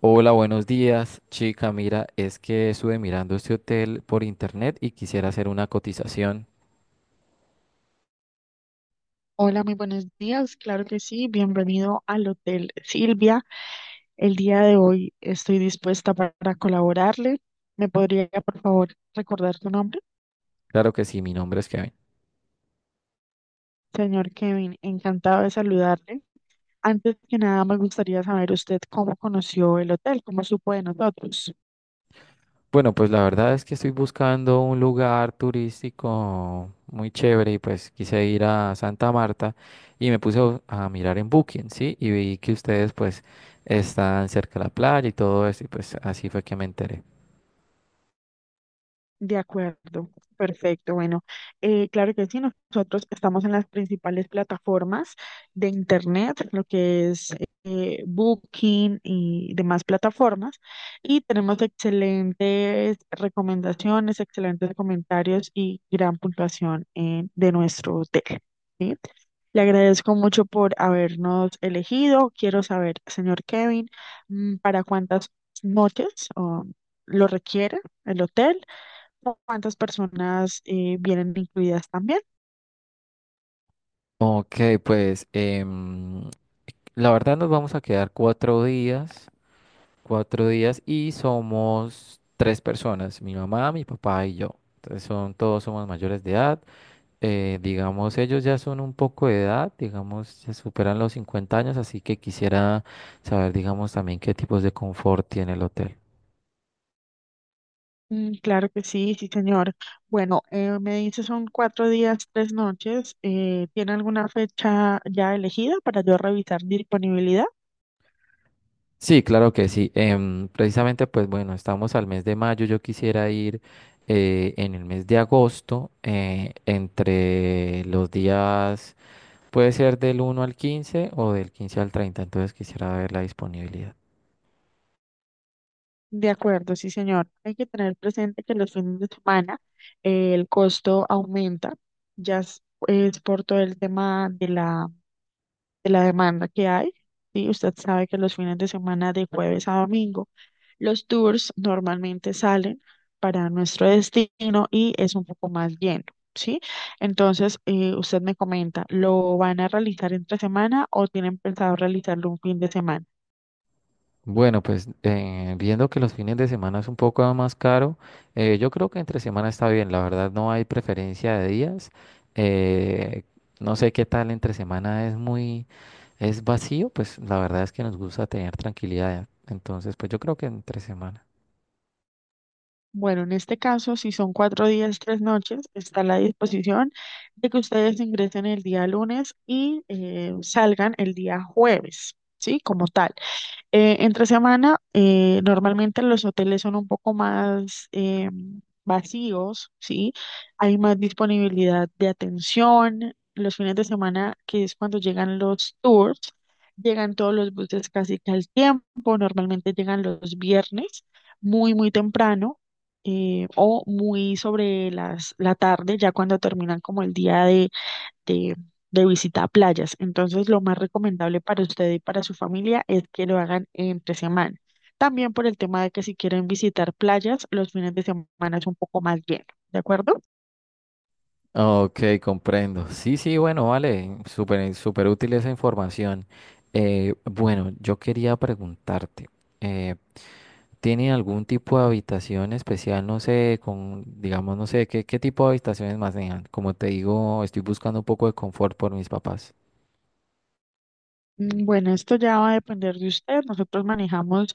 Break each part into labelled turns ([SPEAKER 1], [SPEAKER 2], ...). [SPEAKER 1] Hola, buenos días, chica. Mira, es que estuve mirando este hotel por internet y quisiera hacer una cotización.
[SPEAKER 2] Hola, muy buenos días. Claro que sí. Bienvenido al Hotel Silvia. El día de hoy estoy dispuesta para colaborarle. ¿Me podría, por favor, recordar tu nombre?
[SPEAKER 1] Claro que sí, mi nombre es Kevin.
[SPEAKER 2] Señor Kevin, encantado de saludarle. Antes que nada, me gustaría saber usted cómo conoció el hotel, cómo supo de nosotros.
[SPEAKER 1] Bueno, pues la verdad es que estoy buscando un lugar turístico muy chévere y pues quise ir a Santa Marta y me puse a mirar en Booking, ¿sí? Y vi que ustedes pues están cerca de la playa y todo eso y pues así fue que me enteré.
[SPEAKER 2] De acuerdo, perfecto. Bueno, claro que sí, nosotros estamos en las principales plataformas de Internet, lo que es Booking y demás plataformas, y tenemos excelentes recomendaciones, excelentes comentarios y gran puntuación de nuestro hotel. ¿Sí? Le agradezco mucho por habernos elegido. Quiero saber, señor Kevin, ¿para cuántas noches oh, lo requiere el hotel? ¿Cuántas personas vienen incluidas también?
[SPEAKER 1] Ok, pues la verdad nos vamos a quedar 4 días, 4 días, y somos 3 personas: mi mamá, mi papá y yo. Entonces son, todos somos mayores de edad. Digamos, ellos ya son un poco de edad, digamos, ya superan los 50 años, así que quisiera saber, digamos, también qué tipos de confort tiene el hotel.
[SPEAKER 2] Mm, claro que sí, sí, señor. Bueno, me dice son 4 días, 3 noches. ¿Tiene alguna fecha ya elegida para yo revisar disponibilidad?
[SPEAKER 1] Sí, claro que sí. Precisamente, pues bueno, estamos al mes de mayo. Yo quisiera ir en el mes de agosto, entre los días puede ser del 1 al 15 o del 15 al 30. Entonces quisiera ver la disponibilidad.
[SPEAKER 2] De acuerdo, sí, señor. Hay que tener presente que los fines de semana el costo aumenta, ya es por todo el tema de la demanda que hay. Sí, usted sabe que los fines de semana de jueves a domingo los tours normalmente salen para nuestro destino y es un poco más lleno, ¿sí? Entonces, usted me comenta, ¿lo van a realizar entre semana o tienen pensado realizarlo un fin de semana?
[SPEAKER 1] Bueno, pues viendo que los fines de semana es un poco más caro, yo creo que entre semana está bien, la verdad no hay preferencia de días. eh, no sé, qué tal entre semana es muy, es vacío, pues la verdad es que nos gusta tener tranquilidad, entonces pues yo creo que entre semana.
[SPEAKER 2] Bueno, en este caso, si son 4 días, tres noches, está a la disposición de que ustedes ingresen el día lunes y salgan el día jueves, ¿sí? Como tal. Entre semana, normalmente los hoteles son un poco más vacíos, ¿sí? Hay más disponibilidad de atención. Los fines de semana, que es cuando llegan los tours, llegan todos los buses casi que al tiempo. Normalmente llegan los viernes, muy, muy temprano, o muy sobre las, la tarde, ya cuando terminan como el día de, de visita a playas. Entonces, lo más recomendable para usted y para su familia es que lo hagan entre semana. También por el tema de que si quieren visitar playas, los fines de semana es un poco más lleno, ¿de acuerdo?
[SPEAKER 1] Ok, comprendo. Sí, sí, bueno, vale, súper, súper útil esa información. Bueno, yo quería preguntarte, eh, ¿tienen algún tipo de habitación especial? No sé, con, digamos, no sé, ¿qué, qué tipo de habitaciones más manejan? Como te digo, estoy buscando un poco de confort por mis papás.
[SPEAKER 2] Mm, bueno, esto ya va a depender de usted. Nosotros manejamos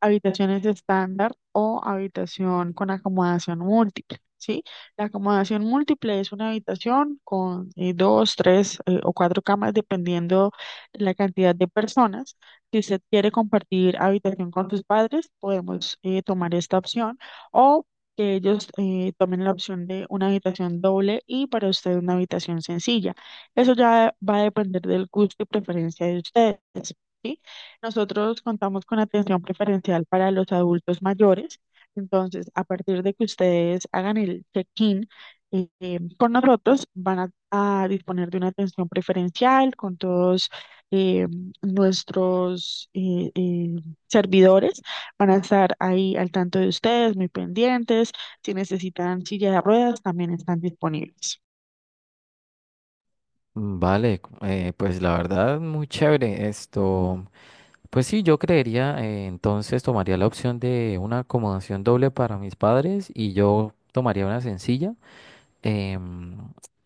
[SPEAKER 2] habitaciones estándar o habitación con acomodación múltiple, ¿sí? La acomodación múltiple es una habitación con dos, tres o cuatro camas, dependiendo la cantidad de personas. Si usted quiere compartir habitación con sus padres, podemos tomar esta opción o que ellos tomen la opción de una habitación doble y para usted una habitación sencilla. Eso ya va a depender del gusto y preferencia de ustedes, ¿sí? Nosotros contamos con atención preferencial para los adultos mayores, entonces a partir de que ustedes hagan el check-in con nosotros, van a disponer de una atención preferencial con todos eh, nuestros servidores, van a estar ahí al tanto de ustedes, muy pendientes, si necesitan silla de ruedas, también están disponibles.
[SPEAKER 1] Mm, vale, pues la verdad, muy chévere esto. Pues sí, yo creería, entonces tomaría la opción de una acomodación doble para mis padres y yo tomaría una sencilla. Em,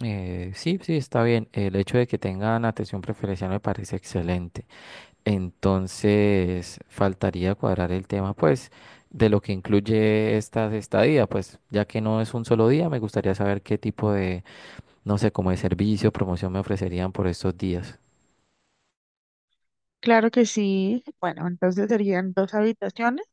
[SPEAKER 1] sí, sí, está bien. El hecho de que tengan atención preferencial me parece excelente. Entonces, faltaría cuadrar el tema, pues, de lo que incluye esta estadía, pues, ya que no es un solo día, me gustaría saber qué tipo de, no sé, como de servicio, promoción me ofrecerían por estos días.
[SPEAKER 2] Claro que sí. Bueno, entonces serían dos habitaciones,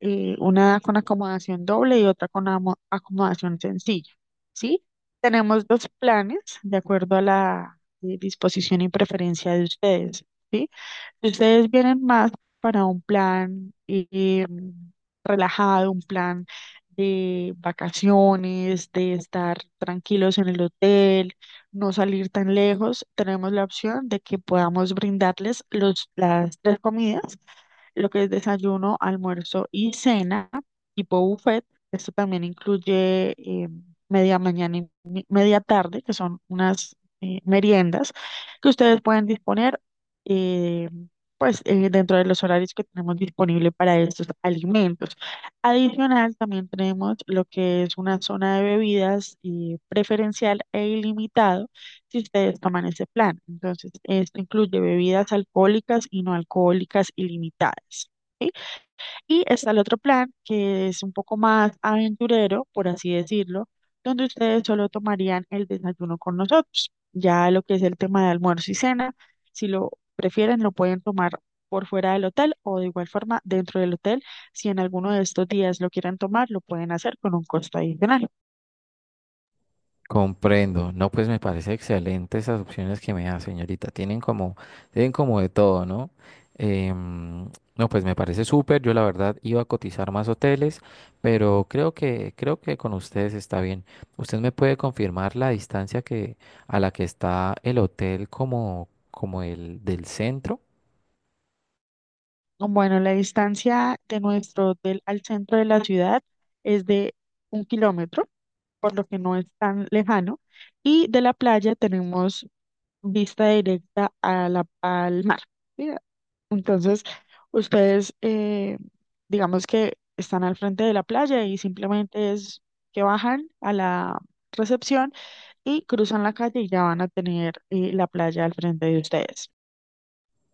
[SPEAKER 2] una con acomodación doble y otra con acomodación sencilla, ¿sí? Tenemos dos planes de acuerdo a la disposición y preferencia de ustedes, ¿sí? Si ustedes vienen más para un plan relajado, un plan de vacaciones, de estar tranquilos en el hotel, no salir tan lejos. Tenemos la opción de que podamos brindarles los, las tres comidas, lo que es desayuno, almuerzo y cena, tipo buffet. Esto también incluye media mañana y media tarde, que son unas meriendas que ustedes pueden disponer eh, pues, dentro de los horarios que tenemos disponible para estos alimentos. Adicional, también tenemos lo que es una zona de bebidas preferencial e ilimitado si ustedes toman ese plan. Entonces, esto incluye bebidas alcohólicas y no alcohólicas ilimitadas. ¿Sí? Y está el otro plan, que es un poco más aventurero, por así decirlo, donde ustedes solo tomarían el desayuno con nosotros. Ya lo que es el tema de almuerzo y cena, si lo prefieren, lo pueden tomar por fuera del hotel o de igual forma dentro del hotel. Si en alguno de estos días lo quieren tomar, lo pueden hacer con un costo adicional.
[SPEAKER 1] Comprendo. No, pues me parece excelente esas opciones que me da, señorita. Tienen como de todo, ¿no? Em, no, pues me parece súper. Yo la verdad iba a cotizar más hoteles, pero creo que con ustedes está bien. ¿Usted me puede confirmar la distancia que, a la que está el hotel como, como el del centro?
[SPEAKER 2] Bueno, la distancia de nuestro hotel al centro de la ciudad es de 1 kilómetro, por lo que no es tan lejano, y de la playa tenemos vista directa a la, al mar. ¿Sí? Entonces, ustedes, digamos que están al frente de la playa y simplemente es que bajan a la recepción y cruzan la calle y ya van a tener la playa al frente de ustedes.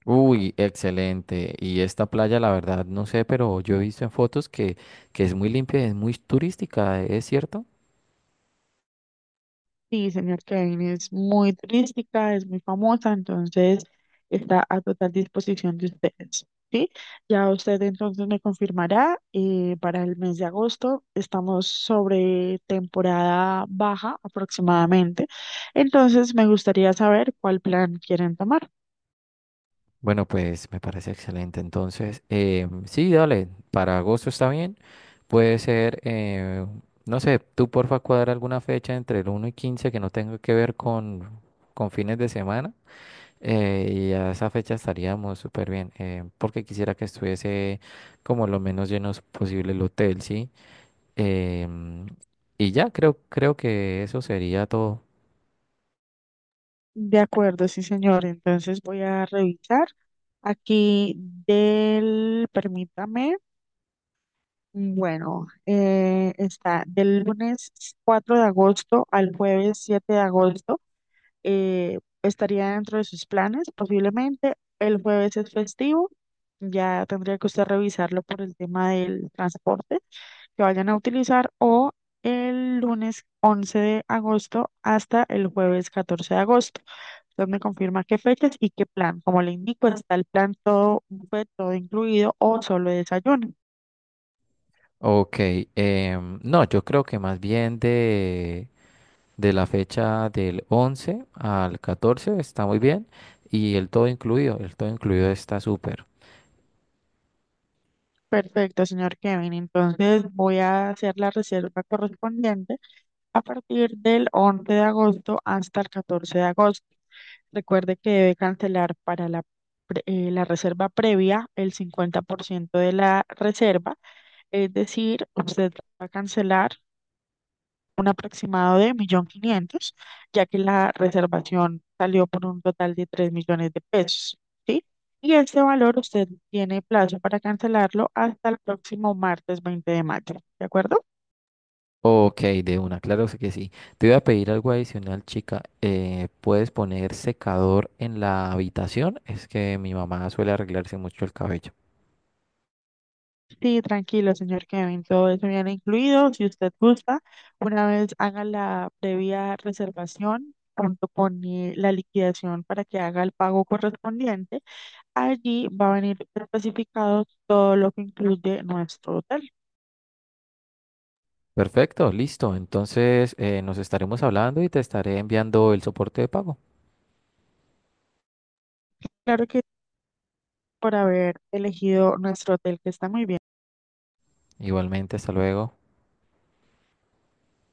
[SPEAKER 1] Uy, excelente. Y esta playa, la verdad, no sé, pero yo he visto en fotos que es muy limpia y es muy turística, ¿es cierto?
[SPEAKER 2] Sí, señor Kevin, es muy turística, es muy famosa, entonces está a total disposición de ustedes, ¿sí? Ya usted entonces me confirmará, para el mes de agosto estamos sobre temporada baja aproximadamente, entonces me gustaría saber cuál plan quieren tomar.
[SPEAKER 1] Bueno, pues me parece excelente. Entonces, sí, dale, para agosto está bien. Puede ser, no sé, tú porfa cuadra alguna fecha entre el uno y 15 que no tenga que ver con fines de semana. Y a esa fecha estaríamos súper bien, porque quisiera que estuviese como lo menos llenos posible el hotel, ¿sí? Em, y ya, creo que eso sería todo.
[SPEAKER 2] De acuerdo, sí, señor, entonces voy a revisar aquí del, permítame. Bueno, está del lunes 4 de agosto al jueves 7 de agosto. Estaría dentro de sus planes, posiblemente. El jueves es festivo. Ya tendría que usted revisarlo por el tema del transporte que vayan a utilizar o el lunes 11 de agosto hasta el jueves 14 de agosto. Usted me confirma qué fechas y qué plan. Como le indico, está el plan todo buffet, todo incluido o solo desayuno.
[SPEAKER 1] Ok, no, yo creo que más bien de la fecha del 11 al 14 está muy bien. Y el todo incluido está súper.
[SPEAKER 2] Perfecto, señor Kevin. Entonces voy a hacer la reserva correspondiente a partir del 11 de agosto hasta el 14 de agosto. Recuerde que debe cancelar para la reserva previa el 50% de la reserva, es decir, usted va a cancelar un aproximado de 1.500.000, ya que la reservación salió por un total de 3 millones de pesos, ¿sí? Y este valor usted tiene plazo para cancelarlo hasta el próximo martes 20 de mayo, ¿de acuerdo?
[SPEAKER 1] Ok, de una, claro que sí. Te voy a pedir algo adicional, chica. ¿Puedes poner secador en la habitación? Es que mi mamá suele arreglarse mucho el cabello.
[SPEAKER 2] Sí, tranquilo, señor Kevin, todo eso viene incluido. Si usted gusta, una vez haga la previa reservación junto con la liquidación para que haga el pago correspondiente, allí va a venir especificado todo lo que incluye nuestro hotel.
[SPEAKER 1] Perfecto, listo. Entonces nos estaremos hablando y te estaré enviando el soporte de pago.
[SPEAKER 2] Claro que por haber elegido nuestro hotel, que está muy bien.
[SPEAKER 1] Igualmente, hasta luego.